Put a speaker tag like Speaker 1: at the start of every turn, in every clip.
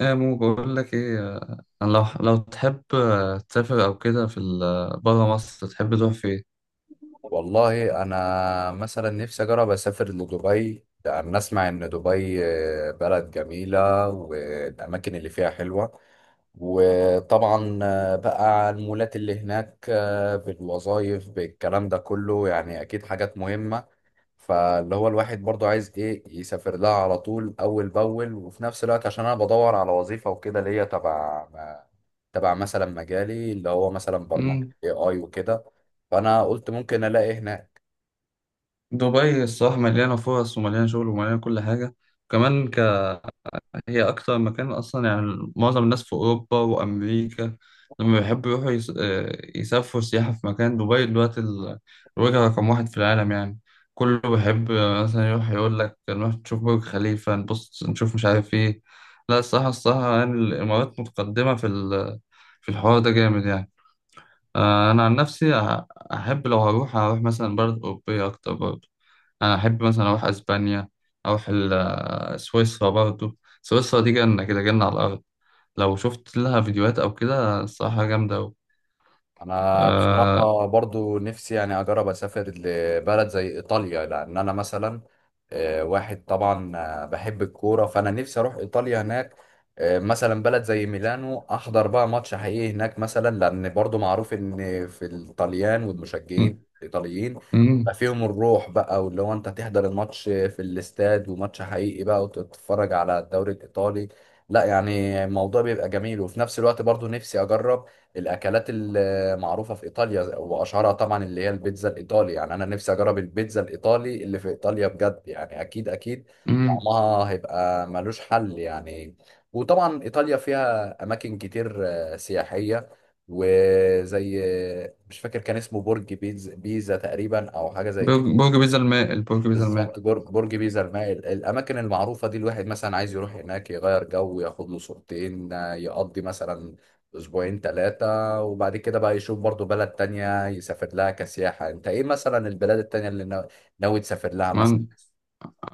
Speaker 1: ايه مو بقول لك ايه، انا لو تحب تسافر او كده في بره مصر تحب تروح فين؟
Speaker 2: والله انا مثلا نفسي اجرب اسافر لدبي لان اسمع ان دبي بلد جميله والاماكن اللي فيها حلوه. وطبعا بقى المولات اللي هناك، بالوظائف بالكلام ده كله، يعني اكيد حاجات مهمه. فاللي هو الواحد برضو عايز ايه يسافر لها على طول، اول باول، وفي نفس الوقت عشان انا بدور على وظيفه وكده اللي هي تبع تبع مثلا مجالي اللي هو مثلا برمجه
Speaker 1: امم
Speaker 2: اي اي وكده. فانا قلت ممكن الاقي هنا.
Speaker 1: دبي الصراحه مليانه فرص ومليانه شغل ومليانه كل حاجه كمان. هي أكتر مكان أصلا يعني، معظم الناس في أوروبا وأمريكا لما بيحبوا يروحوا يس... آه، يسافروا سياحة في مكان، دبي دلوقتي الوجهة رقم واحد في العالم يعني. كله بيحب مثلا يروح يقول لك نروح نشوف برج خليفة، نبص نشوف مش عارف إيه. لا الصراحة الصراحة يعني الإمارات متقدمة في الحوار ده جامد يعني. أنا عن نفسي أحب لو هروح أروح مثلا بلد أوروبية أكتر برضه. انا احب مثلا اروح اسبانيا، اروح سويسرا برضو. سويسرا دي جنة كده، جنة على الارض. لو شفت لها فيديوهات او كده، الصراحة جامدة أوي.
Speaker 2: انا
Speaker 1: آه،
Speaker 2: بصراحه برضو نفسي يعني اجرب اسافر لبلد زي ايطاليا، لان انا مثلا واحد طبعا بحب الكوره، فانا نفسي اروح ايطاليا هناك. مثلا بلد زي ميلانو، احضر بقى ماتش حقيقي هناك مثلا، لان برضو معروف ان في الطليان والمشجعين
Speaker 1: م-
Speaker 2: الايطاليين بقى
Speaker 1: م-
Speaker 2: فيهم الروح بقى، واللي هو انت تحضر الماتش في الاستاد، وماتش حقيقي بقى، وتتفرج على الدوري الايطالي. لا يعني الموضوع بيبقى جميل. وفي نفس الوقت برضو نفسي اجرب الاكلات معروفة في إيطاليا، وأشهرها طبعا اللي هي البيتزا الإيطالي. يعني أنا نفسي أجرب البيتزا الإيطالي اللي في إيطاليا بجد. يعني أكيد أكيد
Speaker 1: م-
Speaker 2: طعمها هيبقى ملوش حل يعني. وطبعا إيطاليا فيها أماكن كتير سياحية، وزي مش فاكر، كان اسمه برج بيتزا بيزا تقريبا أو حاجة زي
Speaker 1: برج
Speaker 2: كده.
Speaker 1: برج بيزا الماء البرج بيزا الماء.
Speaker 2: بالظبط، برج برج بيزا المائل. الاماكن المعروفه دي الواحد مثلا عايز يروح هناك، يغير جو، ياخد له صورتين، يقضي مثلا اسبوعين ثلاثه، وبعد كده بقى يشوف برضو بلد تانية يسافر لها كسياحه. انت ايه مثلا البلاد التانية اللي ناوي تسافر لها مثلا؟
Speaker 1: مهم.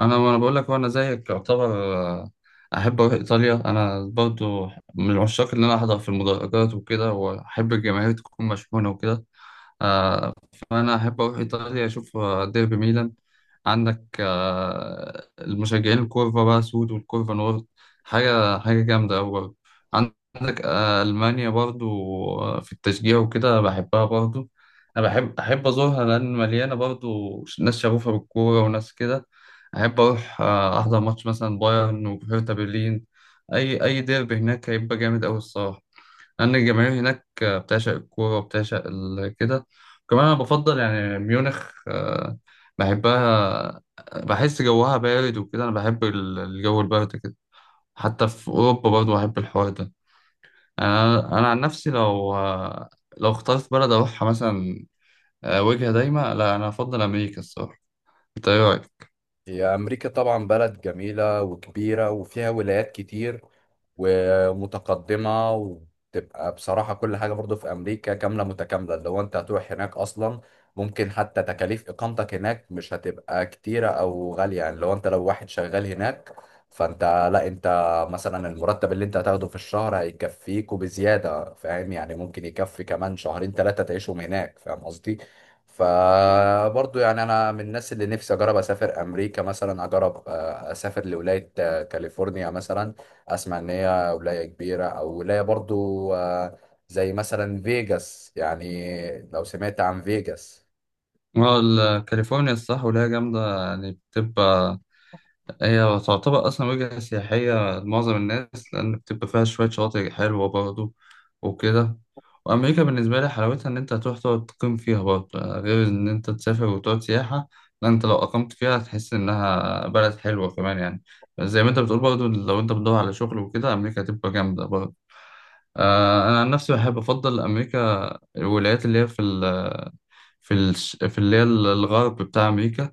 Speaker 1: انا بقول لك، وانا زيك يعتبر، احب اروح ايطاليا انا برضو. من العشاق اللي انا احضر في المدرجات وكده، واحب الجماهير تكون مشحونة وكده. آه، فأنا أحب أروح إيطاليا أشوف ديربي ميلان. عندك المشجعين الكورفا بقى سود والكورفا نورد. حاجة حاجة جامدة أوي برضه. عندك ألمانيا برضو. في التشجيع وكده بحبها برضو. أنا أحب أزورها لأن مليانة برضو ناس شغوفة بالكورة، وناس كده. أحب أروح أحضر ماتش مثلا بايرن وهيرتا برلين. أي ديربي هناك هيبقى جامد أوي الصراحة. لأن الجماهير هناك بتعشق الكورة وبتعشق كده. كمان أنا بفضل يعني ميونخ، بحبها، بحس جوها بارد وكده. أنا بحب الجو البارد كده حتى في أوروبا برضه، بحب الحوار ده يعني. أنا عن نفسي لو اخترت بلد أروحها مثلا، وجهة دايمة، لا أنا أفضل أمريكا الصراحة. أنت إيه رأيك؟
Speaker 2: هي امريكا طبعا بلد جميله وكبيره وفيها ولايات كتير ومتقدمة، وتبقى بصراحة كل حاجة برضو في أمريكا كاملة متكاملة. لو أنت هتروح هناك أصلا، ممكن حتى تكاليف إقامتك هناك مش هتبقى كتيرة أو غالية. يعني لو أنت، لو واحد شغال هناك، فأنت، لا أنت مثلا المرتب اللي أنت هتاخده في الشهر هيكفيك وبزيادة، فاهم يعني؟ ممكن يكفي كمان شهرين ثلاثة تعيشهم هناك، فاهم قصدي؟ فبرضو يعني انا من الناس اللي نفسي اجرب اسافر امريكا مثلا، اجرب اسافر لولايه كاليفورنيا مثلا. اسمع ان هي ولايه كبيره، او ولايه برضو زي مثلا فيجاس، يعني لو سمعت عن فيجاس.
Speaker 1: ما هو كاليفورنيا الصح وليها جامدة يعني بتبقى. هي تعتبر أصلا وجهة سياحية لمعظم الناس، لأن بتبقى فيها شوية شواطئ حلوة برضه وكده. وأمريكا بالنسبة لي حلاوتها إن أنت هتروح تقعد تقيم فيها برضه، غير إن أنت تسافر وتقعد سياحة. لا أنت لو أقمت فيها هتحس إنها بلد حلوة كمان يعني. زي ما أنت بتقول برضه، لو أنت بتدور على شغل وكده أمريكا هتبقى جامدة برضه. أنا عن نفسي بحب أفضل أمريكا، الولايات اللي هي في ال في اللي هي الغرب بتاع أمريكا،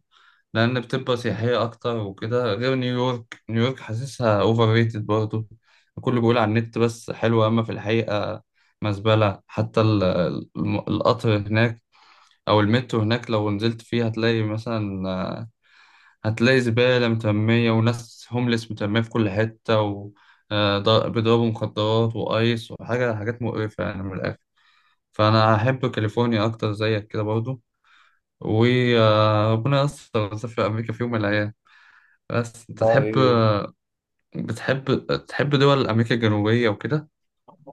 Speaker 1: لأن بتبقى سياحية أكتر وكده. غير نيويورك. نيويورك حاسسها أوفر ريتد برضه. الكل بيقول على النت بس حلوة، أما في الحقيقة مزبلة. حتى القطر هناك أو المترو هناك، لو نزلت فيه هتلاقي مثلا آه، هتلاقي زبالة مترمية، وناس هوملس مترمية في كل حتة، و بيضربوا مخدرات وأيس وحاجة حاجات مقرفة يعني من الآخر. فأنا أحب كاليفورنيا أكتر زيك كده برضه. وربنا يستر نسافر أمريكا في يوم من الأيام. بس انت
Speaker 2: والله
Speaker 1: بتحب تحب دول امريكا الجنوبيه وكده؟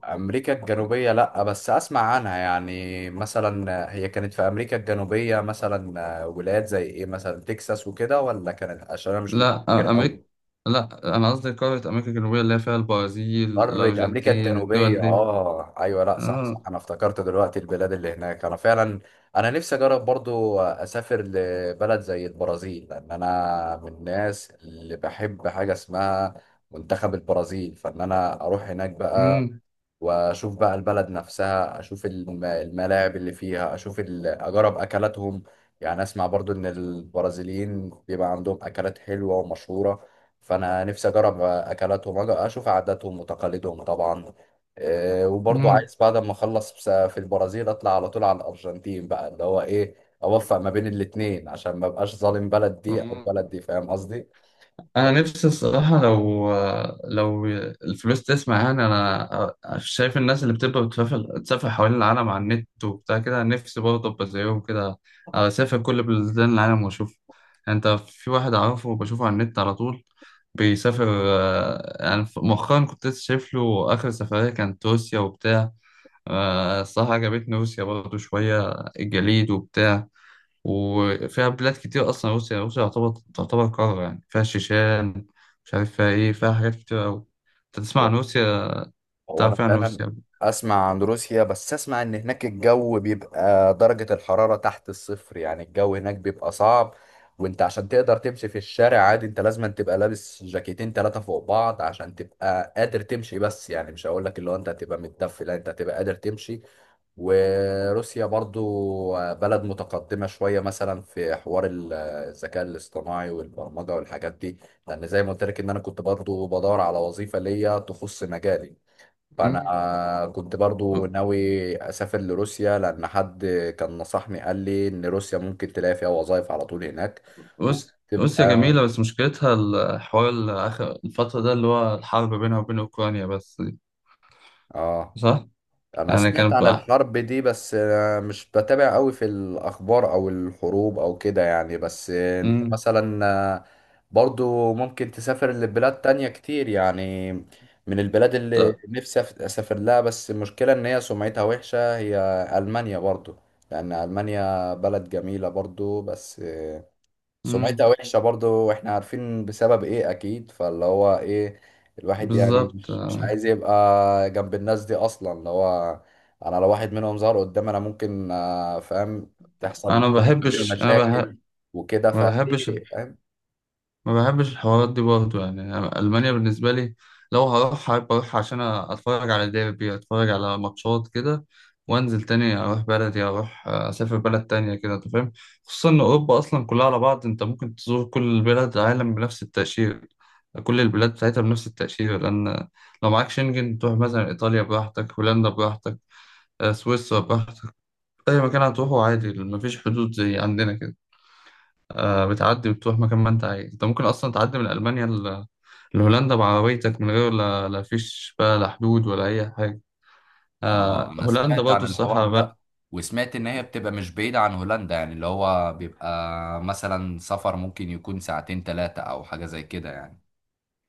Speaker 2: امريكا الجنوبيه، لا بس اسمع عنها. يعني مثلا هي كانت في امريكا الجنوبيه مثلا ولايات زي ايه مثلا، تكساس وكده، ولا كانت؟ عشان انا مش
Speaker 1: لا
Speaker 2: متذكر
Speaker 1: امريكا،
Speaker 2: قوي.
Speaker 1: لا انا قصدي قاره امريكا الجنوبيه اللي هي فيها البرازيل،
Speaker 2: قارة أمريكا
Speaker 1: الارجنتين، الدول
Speaker 2: الجنوبية،
Speaker 1: دي.
Speaker 2: آه أيوة، لأ صح
Speaker 1: اه.
Speaker 2: صح، أنا افتكرت دلوقتي البلاد اللي هناك. أنا فعلا أنا نفسي أجرب برضو أسافر لبلد زي البرازيل، لأن أنا من الناس اللي بحب حاجة اسمها منتخب البرازيل. فإن أنا أروح هناك بقى،
Speaker 1: امم
Speaker 2: واشوف بقى البلد نفسها، اشوف الملاعب اللي فيها، اشوف اجرب اكلاتهم. يعني اسمع برضو ان البرازيليين بيبقى عندهم اكلات حلوة ومشهورة، فانا نفسي اجرب اكلاتهم، اشوف عاداتهم وتقاليدهم طبعا. إيه، وبرضو عايز بعد ما اخلص في البرازيل، اطلع على طول على الارجنتين بقى، اللي هو ايه، اوفق ما بين الاتنين عشان ما بقاش ظالم بلد دي او
Speaker 1: امم
Speaker 2: بلد دي، فاهم قصدي؟
Speaker 1: انا نفسي الصراحه، لو لو الفلوس تسمع يعني، انا شايف الناس اللي بتبقى بتسافر تسافر حوالين العالم على النت وبتاع كده، نفسي برضه ابقى زيهم كده. اسافر كل بلدان العالم واشوف يعني. انت في واحد اعرفه بشوفه على النت على طول، بيسافر يعني مؤخرا كنت لسه شايف له اخر سفريه كانت روسيا وبتاع. الصراحه عجبتني روسيا برضه شويه، الجليد وبتاع. وفيها بلاد كتير أصلا. روسيا، تعتبر قارة يعني، فيها الشيشان، مش عارف فيها إيه، فيها حاجات كتير أوي. أنت تسمع عن روسيا؟
Speaker 2: هو انا
Speaker 1: تعرف يعني عن
Speaker 2: فعلا
Speaker 1: روسيا؟
Speaker 2: اسمع عن روسيا، بس اسمع ان هناك الجو بيبقى درجة الحرارة تحت الصفر، يعني الجو هناك بيبقى صعب. وانت عشان تقدر تمشي في الشارع عادي، انت لازم تبقى لابس جاكيتين ثلاثة فوق بعض عشان تبقى قادر تمشي. بس يعني مش هقول لك اللي هو انت هتبقى متدفي، لا انت هتبقى قادر تمشي. وروسيا برضو بلد متقدمة شوية، مثلا في حوار الذكاء الاصطناعي والبرمجة والحاجات دي. لان زي ما قلت لك ان انا كنت برضو بدور على وظيفة ليا تخص مجالي، فانا
Speaker 1: مم.
Speaker 2: كنت برضو ناوي اسافر لروسيا، لان حد كان نصحني، قال لي ان روسيا ممكن تلاقي فيها وظائف على طول هناك
Speaker 1: روس- روسيا
Speaker 2: وتبقى.
Speaker 1: جميلة، بس مشكلتها الحوار آخر الفترة ده، اللي هو الحرب بينها وبين أوكرانيا بس دي.
Speaker 2: اه
Speaker 1: صح؟
Speaker 2: انا
Speaker 1: يعني
Speaker 2: سمعت
Speaker 1: كانت
Speaker 2: عن
Speaker 1: بقى.
Speaker 2: الحرب دي، بس مش بتابع قوي في الاخبار او الحروب او كده يعني. بس انت
Speaker 1: مم.
Speaker 2: مثلا آه، برضو ممكن تسافر لبلاد تانية كتير يعني. من البلاد اللي
Speaker 1: ط-
Speaker 2: نفسي اسافر لها، بس المشكلة ان هي سمعتها وحشة، هي المانيا برضو. لان المانيا بلد جميلة برضو، بس
Speaker 1: مم.
Speaker 2: سمعتها وحشة برضو، واحنا عارفين بسبب ايه اكيد. فاللي هو ايه، الواحد يعني
Speaker 1: بالظبط
Speaker 2: مش
Speaker 1: آه.
Speaker 2: عايز يبقى جنب الناس دي اصلا. اللي هو انا لو واحد منهم ظهر قدامي، انا ممكن فاهم، تحصل
Speaker 1: أنا
Speaker 2: ما
Speaker 1: ما
Speaker 2: بينه
Speaker 1: بحبش.
Speaker 2: مشاكل وكده،
Speaker 1: ما بحبش
Speaker 2: فايه فاهم.
Speaker 1: ما بحبش الحوارات دي برضه يعني. أنا ألمانيا بالنسبة لي، لو هروح هبقى أروح عشان أتفرج على ديربي، أتفرج على ماتشات كده. وأنزل تاني أروح بلدي، أروح آه، أسافر بلد تانية كده. أنت فاهم؟ خصوصا إن أوروبا أصلا كلها على بعض، أنت ممكن تزور كل بلاد العالم بنفس التأشيرة. كل البلاد بتاعتها بنفس التأشيرة، لأن لو معاك شنجن تروح مثلا إيطاليا براحتك، هولندا براحتك، سويسرا براحتك. أي مكان هتروحه عادي، مفيش حدود زي عندنا كده. بتعدي وتروح مكان ما انت عايز. انت ممكن اصلا تعدي من المانيا لهولندا بعربيتك، من غير لا فيش بقى، لا حدود ولا اي حاجه.
Speaker 2: اه انا
Speaker 1: هولندا
Speaker 2: سمعت
Speaker 1: برضه
Speaker 2: عن الحوار
Speaker 1: الصراحه بلد.
Speaker 2: ده، وسمعت ان هي بتبقى مش بعيدة عن هولندا، يعني اللي هو بيبقى مثلا سفر ممكن يكون ساعتين ثلاثة او حاجة زي كده يعني.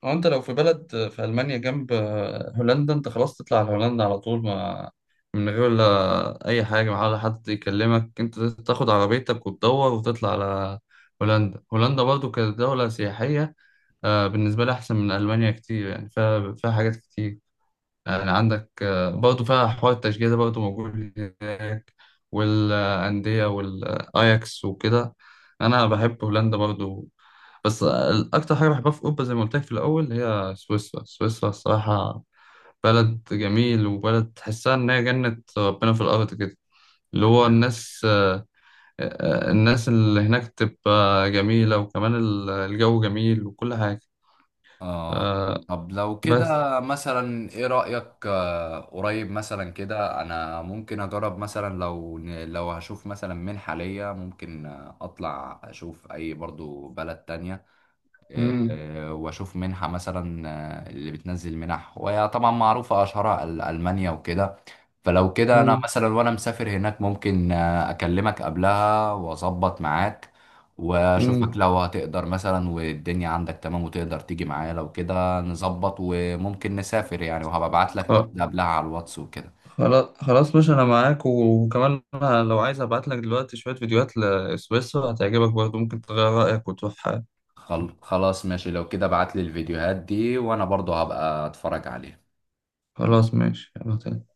Speaker 1: هو انت لو في بلد، في المانيا جنب هولندا، انت خلاص تطلع على هولندا على طول، ما من غير لا اي حاجه، ما ولا حد يكلمك، انت تاخد عربيتك وتدور وتطلع على هولندا. هولندا برضه كدوله سياحيه، بالنسبه لي احسن من المانيا كتير يعني. فيها حاجات كتير يعني. عندك برضه فيها حوار التشجيع ده برضه موجود هناك، والأندية والأياكس وكده. أنا بحب هولندا برضه. بس أكتر حاجة بحبها في أوروبا زي ما قلت لك في الأول هي سويسرا. سويسرا الصراحة بلد جميل، وبلد تحسها إن هي جنة ربنا في الأرض كده. اللي هو الناس اللي هناك تبقى جميلة، وكمان الجو جميل وكل حاجة.
Speaker 2: اه.
Speaker 1: آه،
Speaker 2: طب لو
Speaker 1: بس.
Speaker 2: كده مثلا، ايه رأيك؟ قريب مثلا كده انا ممكن اجرب مثلا، لو لو هشوف مثلا منحة ليا، ممكن اطلع اشوف اي برضو بلد تانية،
Speaker 1: امم
Speaker 2: واشوف منحة مثلا، اللي بتنزل منح، وهي طبعا معروفة اشهرها المانيا وكده. فلو كده انا مثلا وانا مسافر هناك، ممكن اكلمك قبلها واظبط معاك واشوفك
Speaker 1: امم
Speaker 2: لو هتقدر مثلا، والدنيا عندك تمام وتقدر تيجي معايا، لو كده نظبط وممكن نسافر يعني، وهبقى ابعت لك قبلها على الواتس وكده.
Speaker 1: خلاص خلاص باشا، انا معاك. وكمان أنا لو عايز ابعت لك دلوقتي شوية فيديوهات لسويسرا هتعجبك برضه، ممكن تغير رأيك وتروح.
Speaker 2: خلاص ماشي، لو كده ابعت لي الفيديوهات دي وانا برضو هبقى اتفرج عليها.
Speaker 1: خلاص ماشي، يلا تاني.